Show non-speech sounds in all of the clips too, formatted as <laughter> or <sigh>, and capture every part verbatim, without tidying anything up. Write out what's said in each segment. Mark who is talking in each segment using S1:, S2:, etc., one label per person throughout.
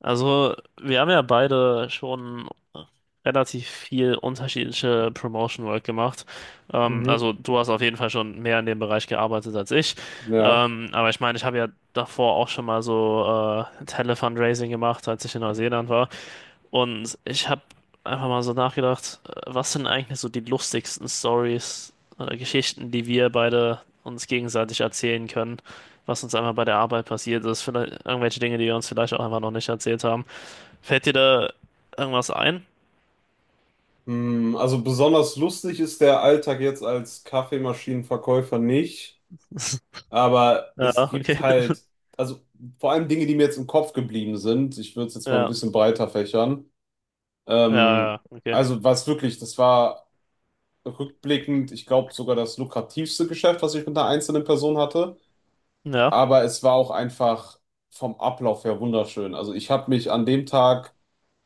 S1: Also, wir haben ja beide schon relativ viel unterschiedliche Promotion Work gemacht. Ähm,
S2: Mhm.
S1: also, du hast auf jeden Fall schon mehr in dem Bereich gearbeitet als ich.
S2: Ja.
S1: Ähm, aber ich meine, ich habe ja davor auch schon mal so äh, Tele-Fundraising gemacht, als ich in Neuseeland war. Und ich habe einfach mal so nachgedacht, äh, was sind eigentlich so die lustigsten Stories oder Geschichten, die wir beide uns gegenseitig erzählen können, was uns einfach bei der Arbeit passiert ist, vielleicht irgendwelche Dinge, die wir uns vielleicht auch einfach noch nicht erzählt haben. Fällt dir da irgendwas ein?
S2: Hm, also besonders lustig ist der Alltag jetzt als Kaffeemaschinenverkäufer nicht,
S1: <laughs>
S2: aber
S1: Ja,
S2: es
S1: okay.
S2: gibt halt, also vor allem Dinge, die mir jetzt im Kopf geblieben sind. Ich würde es jetzt
S1: Ja,
S2: mal ein
S1: ja,
S2: bisschen breiter fächern.
S1: ja,
S2: Ähm,
S1: ja, okay.
S2: also was wirklich, das war rückblickend, ich glaube sogar das lukrativste Geschäft, was ich mit einer einzelnen Person hatte.
S1: Ja,
S2: Aber es war auch einfach vom Ablauf her wunderschön. Also ich habe mich an dem Tag,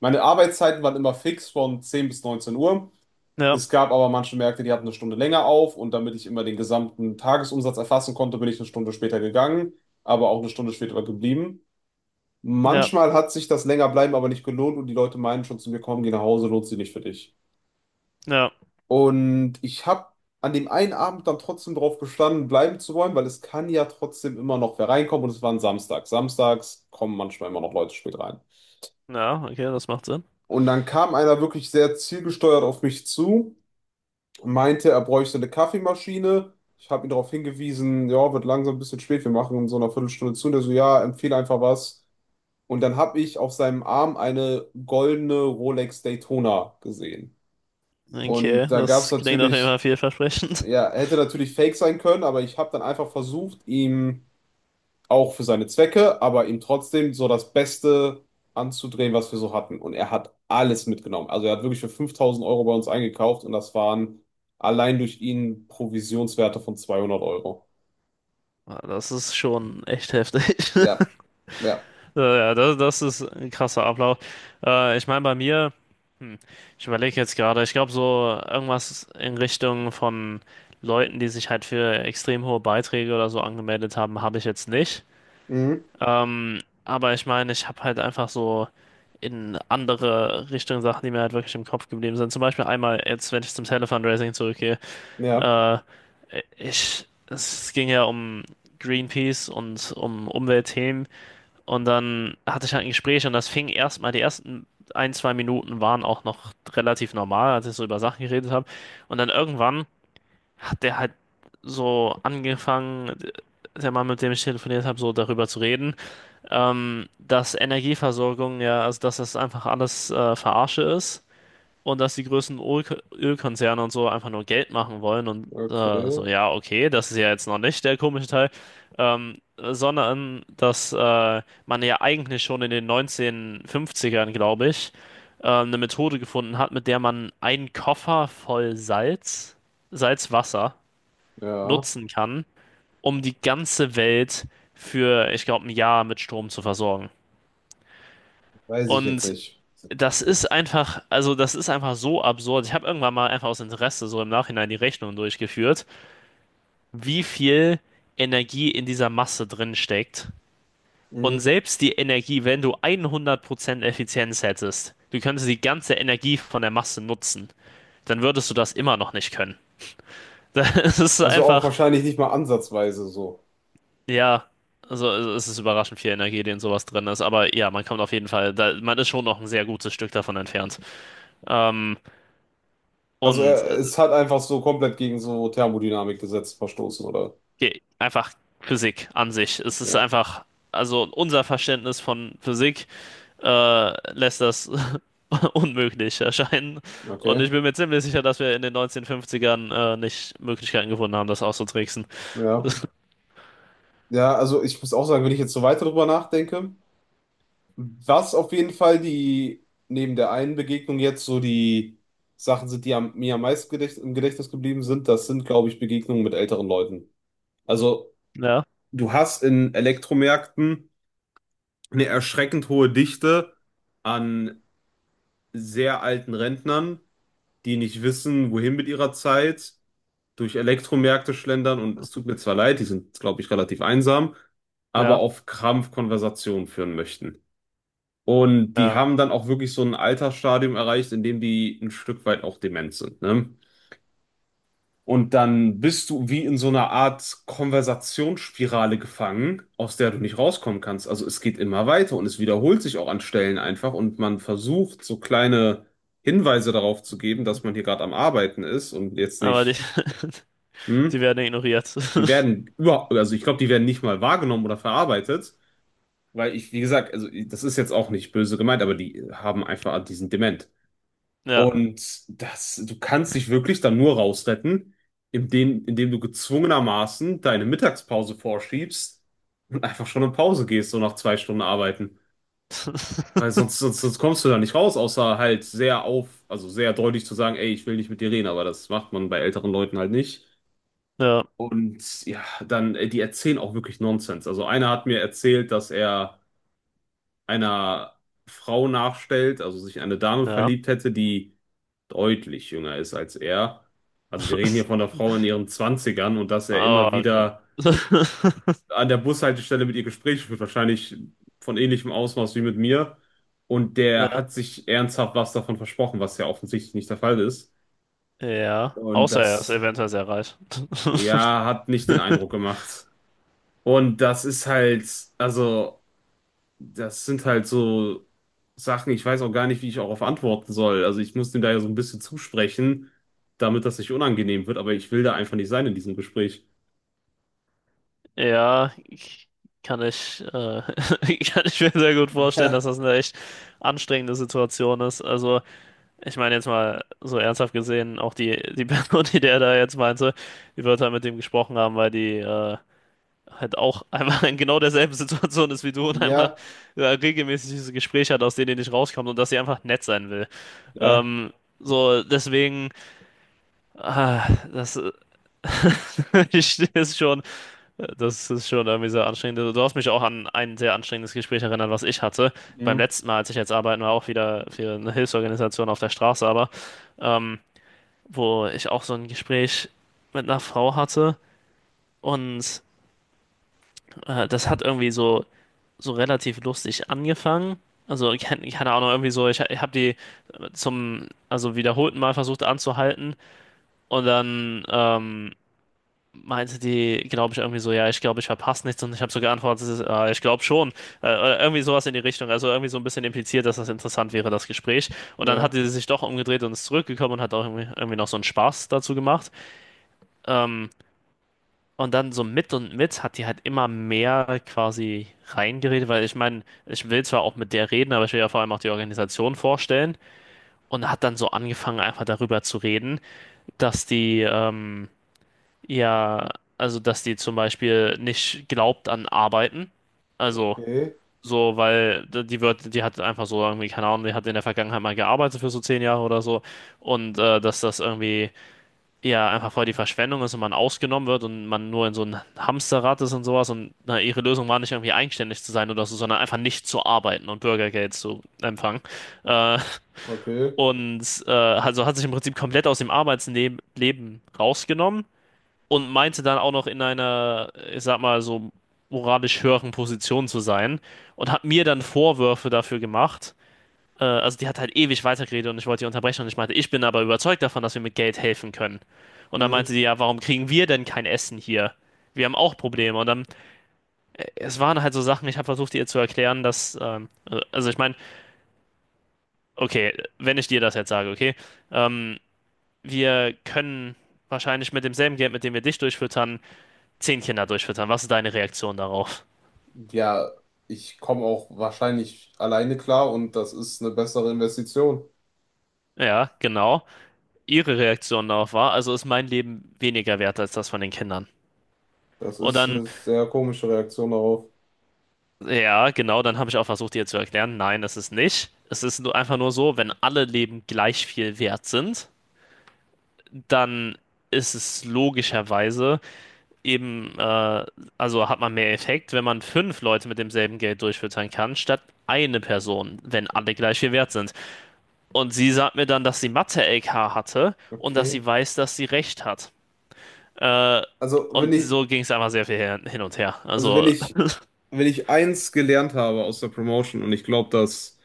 S2: meine Arbeitszeiten waren immer fix von zehn bis neunzehn Uhr.
S1: ja,
S2: Es gab aber manche Märkte, die hatten eine Stunde länger auf, und damit ich immer den gesamten Tagesumsatz erfassen konnte, bin ich eine Stunde später gegangen, aber auch eine Stunde später geblieben.
S1: ja,
S2: Manchmal hat sich das länger bleiben aber nicht gelohnt, und die Leute meinen schon zu mir, komm, geh nach Hause, lohnt sich nicht für dich.
S1: ja,
S2: Und ich habe an dem einen Abend dann trotzdem drauf bestanden, bleiben zu wollen, weil es kann ja trotzdem immer noch wer reinkommen, und es war ein Samstag. Samstags kommen manchmal immer noch Leute spät rein.
S1: ja, okay, das macht Sinn.
S2: Und dann kam einer wirklich sehr zielgesteuert auf mich zu, meinte, er bräuchte eine Kaffeemaschine. Ich habe ihn darauf hingewiesen, ja, wird langsam ein bisschen spät, wir machen in so einer Viertelstunde zu. Und er so, ja, empfehle einfach was. Und dann habe ich auf seinem Arm eine goldene Rolex Daytona gesehen. Und
S1: Okay,
S2: da gab es
S1: das klingt auf jeden
S2: natürlich,
S1: Fall vielversprechend. <laughs>
S2: ja, hätte natürlich fake sein können, aber ich habe dann einfach versucht, ihm auch für seine Zwecke, aber ihm trotzdem so das Beste anzudrehen, was wir so hatten. Und er hat alles mitgenommen. Also er hat wirklich für fünftausend Euro bei uns eingekauft, und das waren allein durch ihn Provisionswerte von zweihundert Euro.
S1: Ah, das ist schon echt heftig. <laughs>
S2: Ja, ja.
S1: Äh, Ja, das, das ist ein krasser Ablauf. Äh, ich meine, bei mir, ich überlege jetzt gerade, ich glaube, so irgendwas in Richtung von Leuten, die sich halt für extrem hohe Beiträge oder so angemeldet haben, habe ich jetzt nicht.
S2: Mhm.
S1: Ähm, aber ich meine, ich habe halt einfach so in andere Richtungen Sachen, die mir halt wirklich im Kopf geblieben sind. Zum Beispiel einmal jetzt, wenn ich zum Telefundraising zurückgehe,
S2: Ja,
S1: äh, ich, es ging ja um Greenpeace und um Umweltthemen. Und dann hatte ich halt ein Gespräch und das fing erstmal, die ersten ein, zwei Minuten waren auch noch relativ normal, als ich so über Sachen geredet habe. Und dann irgendwann hat der halt so angefangen, der Mann, mit dem ich telefoniert habe, so darüber zu reden, ähm, dass Energieversorgung ja, also dass das einfach alles äh, Verarsche ist und dass die größten Öl Ölkonzerne und so einfach nur Geld machen wollen und äh,
S2: okay,
S1: so, ja, okay, das ist ja jetzt noch nicht der komische Teil, ähm, sondern dass äh, man ja eigentlich schon in den neunzehnhundertfünfzigern, glaube ich, äh, eine Methode gefunden hat, mit der man einen Koffer voll Salz, Salzwasser
S2: ja,
S1: nutzen kann, um die ganze Welt für, ich glaube, ein Jahr mit Strom zu versorgen.
S2: weiß ich jetzt
S1: Und
S2: nicht.
S1: das ist einfach, also das ist einfach so absurd. Ich habe irgendwann mal einfach aus Interesse so im Nachhinein die Rechnung durchgeführt, wie viel Energie in dieser Masse drin steckt. Und
S2: Mhm.
S1: selbst die Energie, wenn du hundert Prozent Effizienz hättest, du könntest die ganze Energie von der Masse nutzen, dann würdest du das immer noch nicht können. <laughs> Das ist
S2: Also auch
S1: einfach,
S2: wahrscheinlich nicht mal ansatzweise so.
S1: ja, also es ist überraschend viel Energie, die in sowas drin ist. Aber ja, man kommt auf jeden Fall, da, man ist schon noch ein sehr gutes Stück davon entfernt. Ähm,
S2: Also
S1: und
S2: er,
S1: äh,
S2: es hat einfach so komplett gegen so Thermodynamikgesetz verstoßen, oder?
S1: Ge- einfach Physik an sich. Es ist
S2: Ja.
S1: einfach, also unser Verständnis von Physik äh, lässt das <laughs> unmöglich erscheinen. Und
S2: Okay,
S1: ich bin mir ziemlich sicher, dass wir in den neunzehnhundertfünfzigern äh, nicht Möglichkeiten gefunden haben, das auszutricksen.
S2: ja.
S1: <laughs>
S2: Ja, also ich muss auch sagen, wenn ich jetzt so weiter drüber nachdenke, was auf jeden Fall die, neben der einen Begegnung jetzt so die Sachen sind, die am, mir am meisten gedächt, im Gedächtnis geblieben sind, das sind, glaube ich, Begegnungen mit älteren Leuten. Also
S1: Ja,
S2: du hast in Elektromärkten eine erschreckend hohe Dichte an sehr alten Rentnern, die nicht wissen, wohin mit ihrer Zeit, durch Elektromärkte schlendern, und es tut mir zwar leid, die sind, glaube ich, relativ einsam, aber
S1: ja,
S2: auf Krampf Konversationen führen möchten. Und die
S1: ja.
S2: haben dann auch wirklich so ein Altersstadium erreicht, in dem die ein Stück weit auch dement sind, ne? Und dann bist du wie in so einer Art Konversationsspirale gefangen, aus der du nicht rauskommen kannst. Also es geht immer weiter und es wiederholt sich auch an Stellen einfach, und man versucht so kleine Hinweise darauf zu geben, dass man hier gerade am Arbeiten ist und jetzt
S1: Aber die,
S2: nicht, hm?
S1: <laughs> die werden ignoriert.
S2: Die
S1: <laughs>
S2: werden überhaupt, also ich glaube, die werden nicht mal wahrgenommen oder verarbeitet, weil ich, wie gesagt, also das ist jetzt auch nicht böse gemeint, aber die haben einfach diesen Dement.
S1: Ja,
S2: Und das, du kannst dich wirklich dann nur rausretten, indem, indem du gezwungenermaßen deine Mittagspause vorschiebst und einfach schon in Pause gehst, so nach zwei Stunden arbeiten. Weil sonst, sonst, sonst kommst du da nicht raus, außer halt sehr auf, also sehr deutlich zu sagen, ey, ich will nicht mit dir reden, aber das macht man bei älteren Leuten halt nicht.
S1: ja,
S2: Und ja, dann, äh, die erzählen auch wirklich Nonsens. Also einer hat mir erzählt, dass er einer Frau nachstellt, also sich in eine Dame
S1: ja.
S2: verliebt hätte, die deutlich jünger ist als er. Also wir reden hier von einer Frau in ihren Zwanzigern, und dass er immer
S1: Oh Gott.
S2: wieder
S1: <laughs>
S2: an der Bushaltestelle mit ihr Gespräche führt, wahrscheinlich von ähnlichem Ausmaß wie mit mir. Und der
S1: Ja,
S2: hat sich ernsthaft was davon versprochen, was ja offensichtlich nicht der Fall ist.
S1: ja.
S2: Und
S1: Außer er ist
S2: das,
S1: eventuell sehr reich. <laughs>
S2: ja, hat nicht den Eindruck gemacht. Und das ist halt, also, das sind halt so Sachen, ich weiß auch gar nicht, wie ich darauf antworten soll. Also ich muss dem da ja so ein bisschen zusprechen, damit das nicht unangenehm wird, aber ich will da einfach nicht sein in diesem Gespräch.
S1: Ja, ich- kann ich, äh, <laughs> kann ich mir sehr gut vorstellen, dass
S2: Ja,
S1: das eine echt anstrengende Situation ist. Also, ich meine jetzt mal so ernsthaft gesehen, auch die, die <laughs> Person, die der da jetzt meinte, die wird halt mit dem gesprochen haben, weil die äh, halt auch <laughs> einmal in genau derselben Situation ist wie du und einmal
S2: ja,
S1: äh, regelmäßig diese Gespräche hat, aus denen die nicht rauskommt und dass sie einfach nett sein will.
S2: ja,
S1: Ähm, so, deswegen, ah, das <laughs> ich ich- ist schon. Das ist schon irgendwie sehr anstrengend. Du du hast mich auch an ein sehr anstrengendes Gespräch erinnert, was ich hatte. Beim
S2: mhm,
S1: letzten Mal, als ich jetzt arbeiten war, auch wieder für eine Hilfsorganisation auf der Straße, aber ähm, wo ich auch so ein Gespräch mit einer Frau hatte und äh, das hat irgendwie so, so relativ lustig angefangen. Also, keine, keine Ahnung, irgendwie so, ich, ich habe die zum, also wiederholten Mal versucht anzuhalten und dann, ähm, meinte die, glaube ich, irgendwie so, ja, ich glaube, ich verpasse nichts und ich habe so geantwortet, ah, ich glaube schon. Äh, oder irgendwie sowas in die Richtung. Also irgendwie so ein bisschen impliziert, dass das interessant wäre, das Gespräch. Und dann hat
S2: ja,
S1: sie sich doch umgedreht und ist zurückgekommen und hat auch irgendwie, irgendwie noch so einen Spaß dazu gemacht. Ähm, und dann so mit und mit hat die halt immer mehr quasi reingeredet, weil ich meine, ich will zwar auch mit der reden, aber ich will ja vor allem auch die Organisation vorstellen. Und hat dann so angefangen, einfach darüber zu reden, dass die, ähm, ja, also dass die zum Beispiel nicht glaubt an Arbeiten. Also
S2: okay,
S1: so, weil d- die wird, die hat einfach so irgendwie, keine Ahnung, die hat in der Vergangenheit mal gearbeitet für so zehn Jahre oder so. Und äh, dass das irgendwie ja einfach voll die Verschwendung ist und man ausgenommen wird und man nur in so ein Hamsterrad ist und sowas. Und na, ihre Lösung war nicht irgendwie eigenständig zu sein oder so, sondern einfach nicht zu arbeiten und Bürgergeld zu empfangen. Äh,
S2: okay.
S1: und äh, also hat sich im Prinzip komplett aus dem Arbeitsleben Leben rausgenommen und meinte dann auch noch in einer, ich sag mal, so moralisch höheren Position zu sein und hat mir dann Vorwürfe dafür gemacht. Äh, also die hat halt ewig weitergeredet und ich wollte die unterbrechen und ich meinte, ich bin aber überzeugt davon, dass wir mit Geld helfen können. Und dann
S2: Hm.
S1: meinte sie ja, warum kriegen wir denn kein Essen hier? Wir haben auch Probleme. Und dann, es waren halt so Sachen, ich habe versucht, ihr zu erklären, dass, ähm, also ich meine, okay, wenn ich dir das jetzt sage, okay, ähm, wir können wahrscheinlich mit demselben Geld, mit dem wir dich durchfüttern, zehn Kinder durchfüttern. Was ist deine Reaktion darauf?
S2: Ja, ich komme auch wahrscheinlich alleine klar, und das ist eine bessere Investition.
S1: Ja, genau. Ihre Reaktion darauf war, also ist mein Leben weniger wert als das von den Kindern.
S2: Das
S1: Und
S2: ist
S1: dann,
S2: eine sehr komische Reaktion darauf.
S1: ja, genau, dann habe ich auch versucht, ihr zu erklären, nein, das ist nicht. Es ist einfach nur so, wenn alle Leben gleich viel wert sind, dann ist es logischerweise eben, äh, also hat man mehr Effekt, wenn man fünf Leute mit demselben Geld durchfüttern kann, statt eine Person, wenn alle gleich viel wert sind. Und sie sagt mir dann, dass sie Mathe-L K hatte und dass
S2: Okay.
S1: sie weiß, dass sie recht hat. Äh,
S2: Also, wenn
S1: und
S2: ich,
S1: so ging es einfach sehr viel her- hin und her.
S2: also wenn
S1: Also,
S2: ich Wenn ich eins gelernt habe aus der Promotion, und ich glaube, das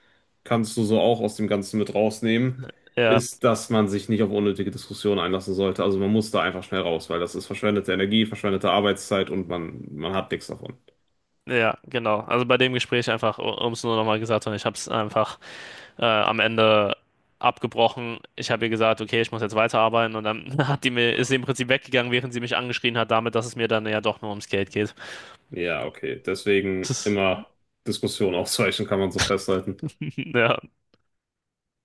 S2: kannst du so auch aus dem Ganzen mit rausnehmen,
S1: <laughs> ja,
S2: ist, dass man sich nicht auf unnötige Diskussionen einlassen sollte. Also man muss da einfach schnell raus, weil das ist verschwendete Energie, verschwendete Arbeitszeit, und man, man hat nichts davon.
S1: ja, genau. Also bei dem Gespräch einfach, um es nur nochmal gesagt zu haben, ich habe es einfach äh, am Ende abgebrochen. Ich habe ihr gesagt, okay, ich muss jetzt weiterarbeiten. Und dann <laughs> hat die mir, ist sie im Prinzip weggegangen, während sie mich angeschrien hat, damit, dass es mir dann ja doch nur ums Geld geht.
S2: Ja, okay. Deswegen
S1: <laughs>
S2: immer Diskussion <laughs> ausweichen, kann man so festhalten.
S1: Ja.